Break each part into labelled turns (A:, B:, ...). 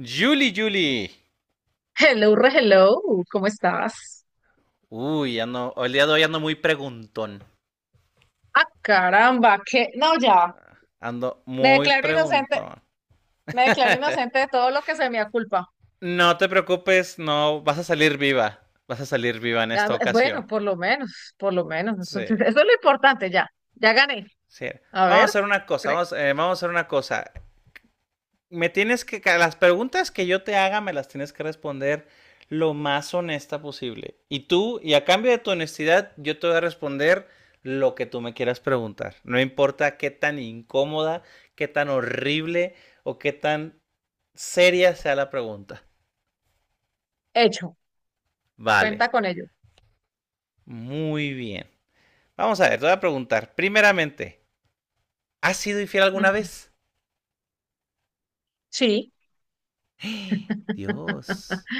A: Julie, Julie.
B: Hello, re hello, ¿cómo estás?
A: Uy, el día de hoy ando muy preguntón.
B: Ah, caramba, que no, ya,
A: Ando
B: me
A: muy
B: declaro inocente,
A: preguntón.
B: me declaro inocente de todo lo que se me aculpa.
A: No te preocupes, no, vas a salir viva. Vas a salir viva en
B: Ya,
A: esta ocasión.
B: bueno, por lo menos,
A: Sí,
B: eso, eso es lo importante, ya, ya gané.
A: sí.
B: A
A: Vamos a
B: ver,
A: hacer una cosa,
B: pre-
A: vamos a hacer una cosa. Las preguntas que yo te haga me las tienes que responder lo más honesta posible. Y tú, y a cambio de tu honestidad, yo te voy a responder lo que tú me quieras preguntar. No importa qué tan incómoda, qué tan horrible o qué tan seria sea la pregunta.
B: hecho,
A: Vale,
B: cuenta con ello.
A: muy bien. Vamos a ver, te voy a preguntar. Primeramente, ¿has sido infiel alguna
B: Ujú.
A: vez?
B: Sí,
A: Dios,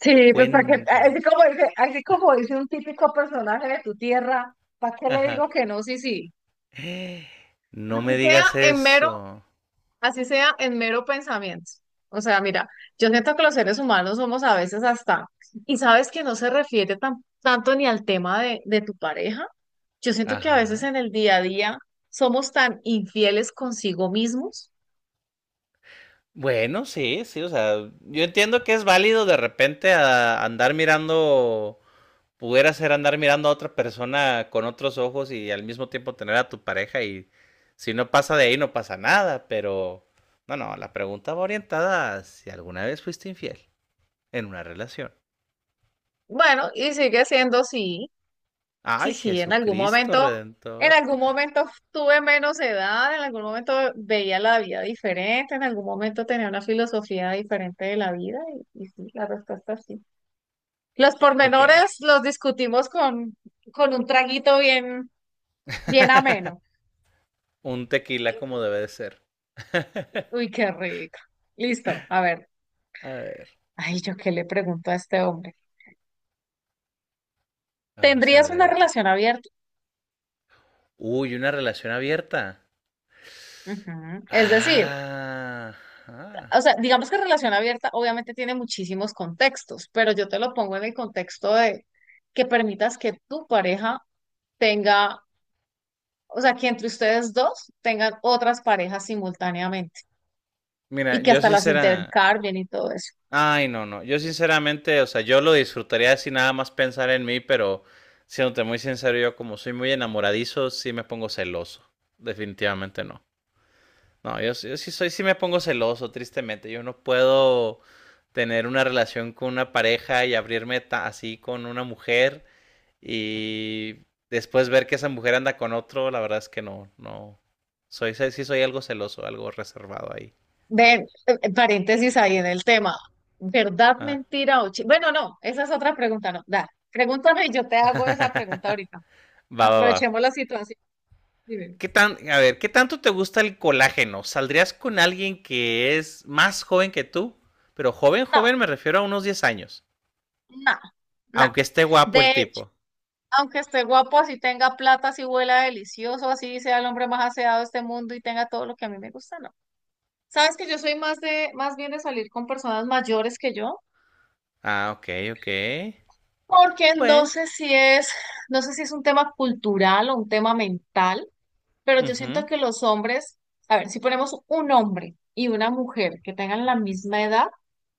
B: sí, pues para que,
A: cuéntalo.
B: así como dice un típico personaje de tu tierra, ¿para qué le
A: Ajá.
B: digo que no? Sí, sí.
A: No me
B: Así sea
A: digas
B: en mero
A: eso.
B: Así sea en mero pensamiento. O sea, mira, yo siento que los seres humanos somos a veces hasta, y sabes que no se refiere tanto ni al tema de tu pareja. Yo siento que a veces
A: Ajá.
B: en el día a día somos tan infieles consigo mismos.
A: Bueno, sí, sí, o sea, yo entiendo que es válido de repente andar mirando, pudiera ser andar mirando a otra persona con otros ojos y al mismo tiempo tener a tu pareja y si no pasa de ahí no pasa nada, pero no, no, la pregunta va orientada a si alguna vez fuiste infiel en una relación.
B: Bueno, y sigue siendo sí,
A: Ay,
B: sí, sí,
A: Jesucristo
B: en
A: Redentor.
B: algún momento tuve menos edad, en algún momento veía la vida diferente, en algún momento tenía una filosofía diferente de la vida, y sí, la respuesta es sí. Los
A: Ok,
B: pormenores los discutimos con un traguito bien, bien ameno.
A: un tequila como debe de ser.
B: Uy, qué rico. Listo, a ver.
A: A ver,
B: Ay, yo qué le pregunto a este hombre.
A: vamos a
B: ¿Tendrías una
A: ver.
B: relación abierta?
A: Uy, una relación abierta.
B: Ujú. Es decir,
A: Ajá.
B: o sea, digamos que relación abierta obviamente tiene muchísimos contextos, pero yo te lo pongo en el contexto de que permitas que tu pareja tenga, o sea, que entre ustedes dos tengan otras parejas simultáneamente
A: Mira,
B: y que
A: yo
B: hasta las
A: sincera.
B: intercambien y todo eso.
A: Ay, no, no. Yo sinceramente, o sea, yo lo disfrutaría sin nada más pensar en mí, pero siéndote muy sincero, yo como soy muy enamoradizo, sí me pongo celoso. Definitivamente no. No, yo, sí, yo sí soy, sí me pongo celoso, tristemente. Yo no puedo tener una relación con una pareja y abrirme así con una mujer. Y después ver que esa mujer anda con otro, la verdad es que no, no. Soy, sí sí soy algo celoso, algo reservado ahí.
B: Ven, paréntesis ahí en el tema. ¿Verdad,
A: Ah,
B: mentira o chi- Bueno, no, esa es otra pregunta, no. Da, pregúntame y yo te hago esa pregunta ahorita.
A: va, va, va.
B: Aprovechemos la situación. Dime.
A: A ver, ¿qué tanto te gusta el colágeno? ¿Saldrías con alguien que es más joven que tú? Pero joven,
B: No,
A: joven me refiero a unos 10 años.
B: no, no.
A: Aunque esté guapo
B: De
A: el
B: hecho,
A: tipo.
B: aunque esté guapo, así tenga plata, así huela delicioso, así sea el hombre más aseado de este mundo y tenga todo lo que a mí me gusta, no. Sabes que yo soy más de, más bien de salir con personas mayores que yo,
A: Ah, ok, ok.
B: porque no
A: Bueno.
B: sé si es, no sé si es un tema cultural o un tema mental. Pero yo siento
A: Ujú.
B: que los hombres, a ver, si ponemos un hombre y una mujer que tengan la misma edad,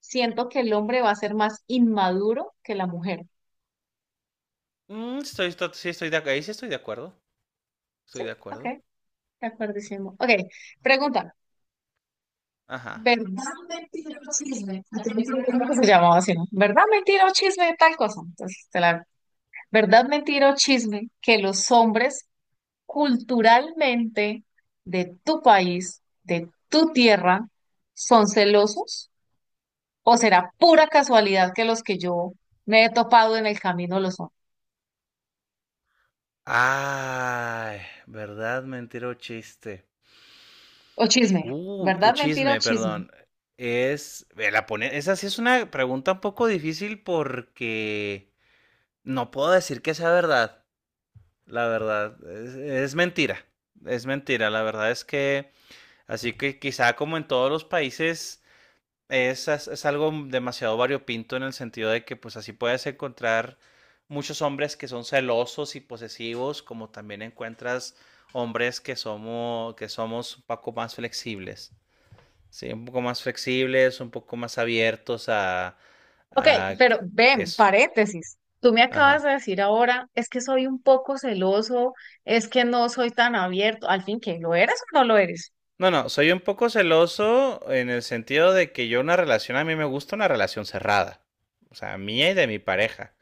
B: siento que el hombre va a ser más inmaduro que la mujer.
A: Sí, ahí sí estoy de acuerdo. Estoy
B: Sí,
A: de
B: ok,
A: acuerdo.
B: de acuerdísimo. Ok, pregunta.
A: Ajá.
B: ¿Verdad, mentira o chisme? Ah, yo no sé, ¿cómo se llamaba así, no? ¿Verdad, mentira o chisme? Tal cosa. Entonces, te la... ¿Verdad, mentira o chisme? Que los hombres culturalmente de tu país, de tu tierra, son celosos. ¿O será pura casualidad que los que yo me he topado en el camino lo son?
A: Ay, verdad, mentira o chiste.
B: O chisme,
A: El
B: ¿verdad, mentira
A: chisme,
B: o chisme?
A: perdón. Esa sí es una pregunta un poco difícil porque no puedo decir que sea verdad. La verdad, es mentira. Es mentira. La verdad es que, así que quizá como en todos los países, es algo demasiado variopinto en el sentido de que pues así puedes encontrar muchos hombres que son celosos y posesivos, como también encuentras hombres que somos un poco más flexibles. Sí, un poco más flexibles, un poco más abiertos
B: Ok,
A: a que-
B: pero ven,
A: eso.
B: paréntesis. Tú me acabas
A: Ajá.
B: de decir ahora, es que soy un poco celoso, es que no soy tan abierto. Al fin, ¿qué? ¿Lo eres o no lo eres?
A: No, no, soy un poco celoso en el sentido de que yo una relación, a mí me gusta una relación cerrada. O sea, mía y de mi pareja.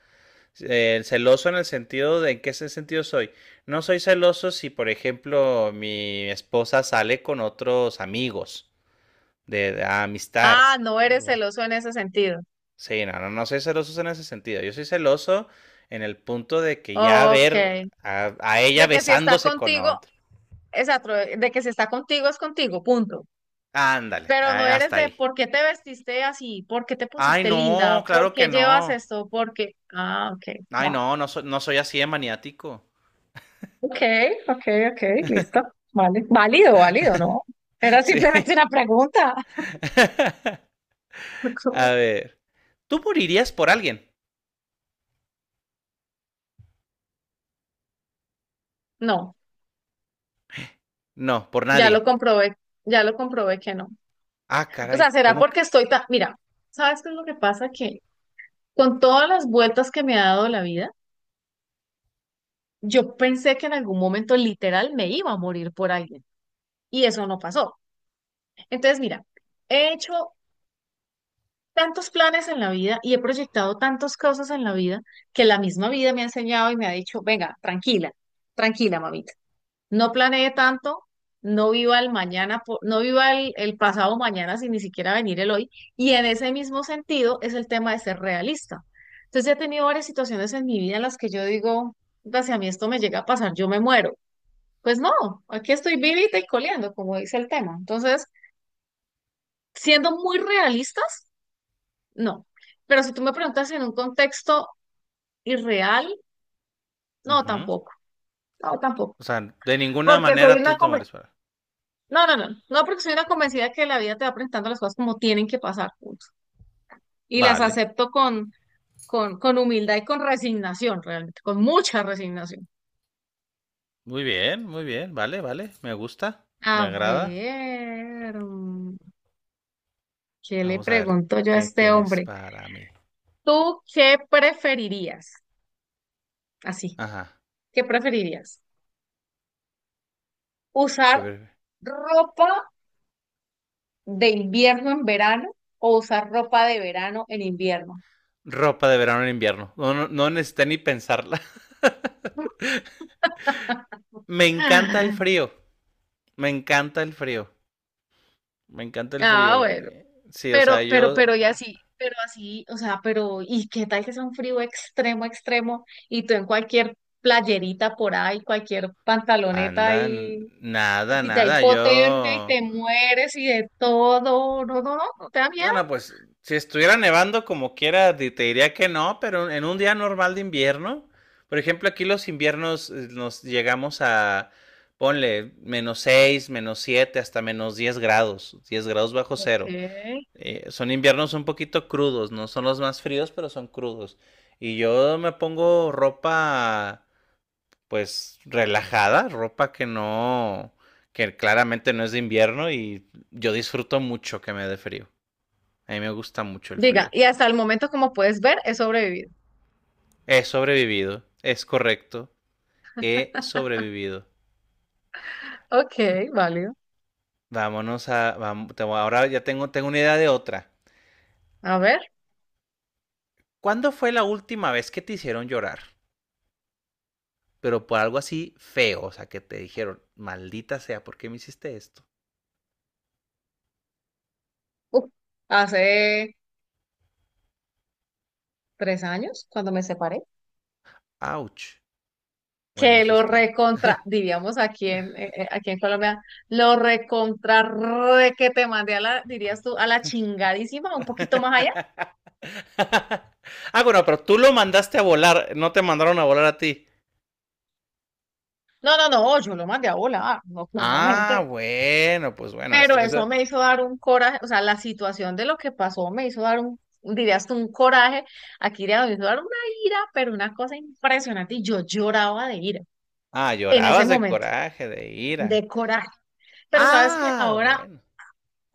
A: Celoso en el sentido de, ¿en qué ese sentido soy? No soy celoso si, por ejemplo, mi esposa sale con otros amigos de amistad.
B: Ah, no eres celoso en ese sentido.
A: Sí, no, no, no soy celoso en ese sentido. Yo soy celoso en el punto de que ya
B: Ok.
A: ver a
B: De
A: ella
B: que si está
A: besándose con
B: contigo,
A: otro.
B: exacto, de que si está contigo es contigo, punto.
A: Ándale,
B: Pero no eres
A: hasta
B: de
A: ahí.
B: por qué te vestiste así, por qué te
A: Ay,
B: pusiste
A: no,
B: linda, por
A: claro que
B: qué llevas
A: no.
B: esto, por qué. Ah, ok,
A: Ay,
B: va.
A: no, no, no soy así de maniático.
B: Ok, ok, ok, listo. Vale. Válido, válido, ¿no? Era simplemente
A: Sí.
B: una pregunta.
A: A ver. ¿Tú morirías por alguien?
B: No,
A: No, por
B: ya lo
A: nadie.
B: comprobé, ya lo comprobé que no.
A: Ah,
B: O sea,
A: caray,
B: será
A: ¿cómo que?
B: porque estoy tan. Mira, ¿sabes qué es lo que pasa? Que con todas las vueltas que me ha dado la vida, yo pensé que en algún momento literal me iba a morir por alguien. Y eso no pasó. Entonces, mira, he hecho tantos planes en la vida y he proyectado tantas cosas en la vida que la misma vida me ha enseñado y me ha dicho, venga, tranquila, tranquila, mamita. No planee tanto, no viva el mañana, no viva el pasado mañana sin ni siquiera venir el hoy. Y en ese mismo sentido es el tema de ser realista. Entonces he tenido varias situaciones en mi vida en las que yo digo, "Puta, si a mí esto me llega a pasar, yo me muero." Pues no, aquí estoy vivita y coleando, como dice el tema. Entonces, siendo muy realistas, no. Pero si tú me preguntas en un contexto irreal, no,
A: Ujú.
B: tampoco. No, tampoco.
A: O sea, de ninguna
B: Porque soy
A: manera
B: una
A: tú te
B: conven-
A: mueres por.
B: No, no, no. No, porque soy una convencida que la vida te va presentando las cosas como tienen que pasar. Punto. Y las
A: Vale.
B: acepto con humildad y con resignación, realmente, con mucha resignación.
A: Muy bien, muy bien. Vale, vale. Me gusta. Me
B: A
A: agrada.
B: ver, ¿qué le
A: Vamos a ver
B: pregunto yo a
A: qué
B: este
A: tienes
B: hombre?
A: para mí.
B: ¿Tú qué preferirías? Así,
A: Ajá.
B: ¿qué preferirías?
A: Qué
B: ¿Usar
A: ver-
B: ropa de invierno en verano o usar ropa de verano en invierno?
A: Ropa de verano en invierno. No, no, no necesité ni pensarla. Me encanta el
B: Ah,
A: frío. Me encanta el frío. Me encanta el
B: ah,
A: frío.
B: bueno,
A: Sí, o sea, yo.
B: pero y así, pero así, o sea, pero, ¿y qué tal que sea un frío extremo, extremo? Y tú en cualquier playerita por ahí, cualquier pantaloneta
A: Anda, nada,
B: y si te da
A: nada. Yo.
B: hipotermia y te mueres y de todo, no, no, no, no te da miedo.
A: No, no, pues si estuviera nevando como quiera, te diría que no, pero en un día normal de invierno, por ejemplo, aquí los inviernos nos llegamos a, ponle, -6, -7, hasta -10 grados, diez grados bajo
B: Ok.
A: cero. Son inviernos un poquito crudos, no son los más fríos, pero son crudos. Y yo me pongo ropa, pues, relajada, ropa que claramente no es de invierno y yo disfruto mucho que me dé frío. A mí me gusta mucho el
B: Diga,
A: frío.
B: y hasta el momento, como puedes ver, he sobrevivido.
A: He sobrevivido, es correcto. He sobrevivido.
B: Ok, válido.
A: Vámonos a... vam- te Ahora ya tengo una idea de otra.
B: A ver,
A: ¿Cuándo fue la última vez que te hicieron llorar? Pero por algo así feo, o sea, que te dijeron, maldita sea, ¿por qué me hiciste esto?
B: uf, hace 3 años cuando me separé,
A: Ouch. Bueno,
B: que
A: sí
B: lo
A: está.
B: recontra, diríamos aquí en, aquí en Colombia, lo recontra re que te mandé a la, dirías tú, a la chingadísima, un poquito más allá.
A: Ah, bueno, pero tú lo mandaste a volar, no te mandaron a volar a ti.
B: No, no, no, yo lo mandé a volar, no,
A: Ah,
B: claramente.
A: bueno, pues bueno, esto,
B: Pero eso
A: eso...
B: me hizo dar un coraje, o sea, la situación de lo que pasó me hizo dar un, dirías tú, un coraje, aquí diríamos, me hizo dar una ira, pero una cosa impresionante, y yo lloraba de ira
A: Ah,
B: en ese
A: llorabas de
B: momento
A: coraje, de ira.
B: de coraje. Pero sabes que
A: Ah,
B: ahora
A: bueno.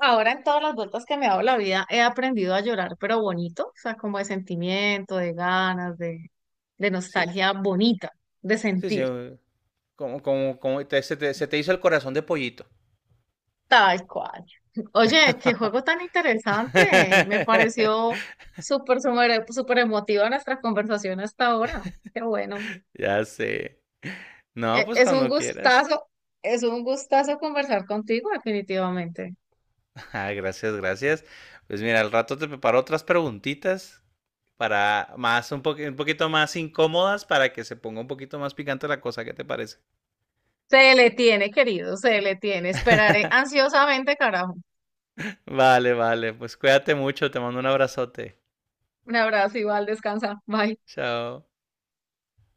B: ahora en todas las vueltas que me he dado la vida he aprendido a llorar, pero bonito, o sea, como de sentimiento, de ganas, de
A: Sí,
B: nostalgia bonita, de
A: sí, sí.
B: sentir,
A: Como se te hizo el corazón de pollito.
B: tal cual. Oye, qué juego tan interesante, me pareció súper, súper, súper emotiva nuestra conversación hasta ahora. Qué bueno.
A: Ya sé. No,
B: E-
A: pues
B: Es un
A: cuando quieras.
B: gustazo, es un gustazo conversar contigo, definitivamente.
A: Ah, gracias, gracias. Pues mira, al rato te preparo otras preguntitas para más un poquito más incómodas para que se ponga un poquito más picante la cosa, ¿qué te parece?
B: Se le tiene, querido, se le tiene. Esperaré ansiosamente, carajo.
A: Vale, vale. Pues cuídate mucho, te mando un abrazote.
B: Un abrazo igual, descansa. Bye.
A: Chao.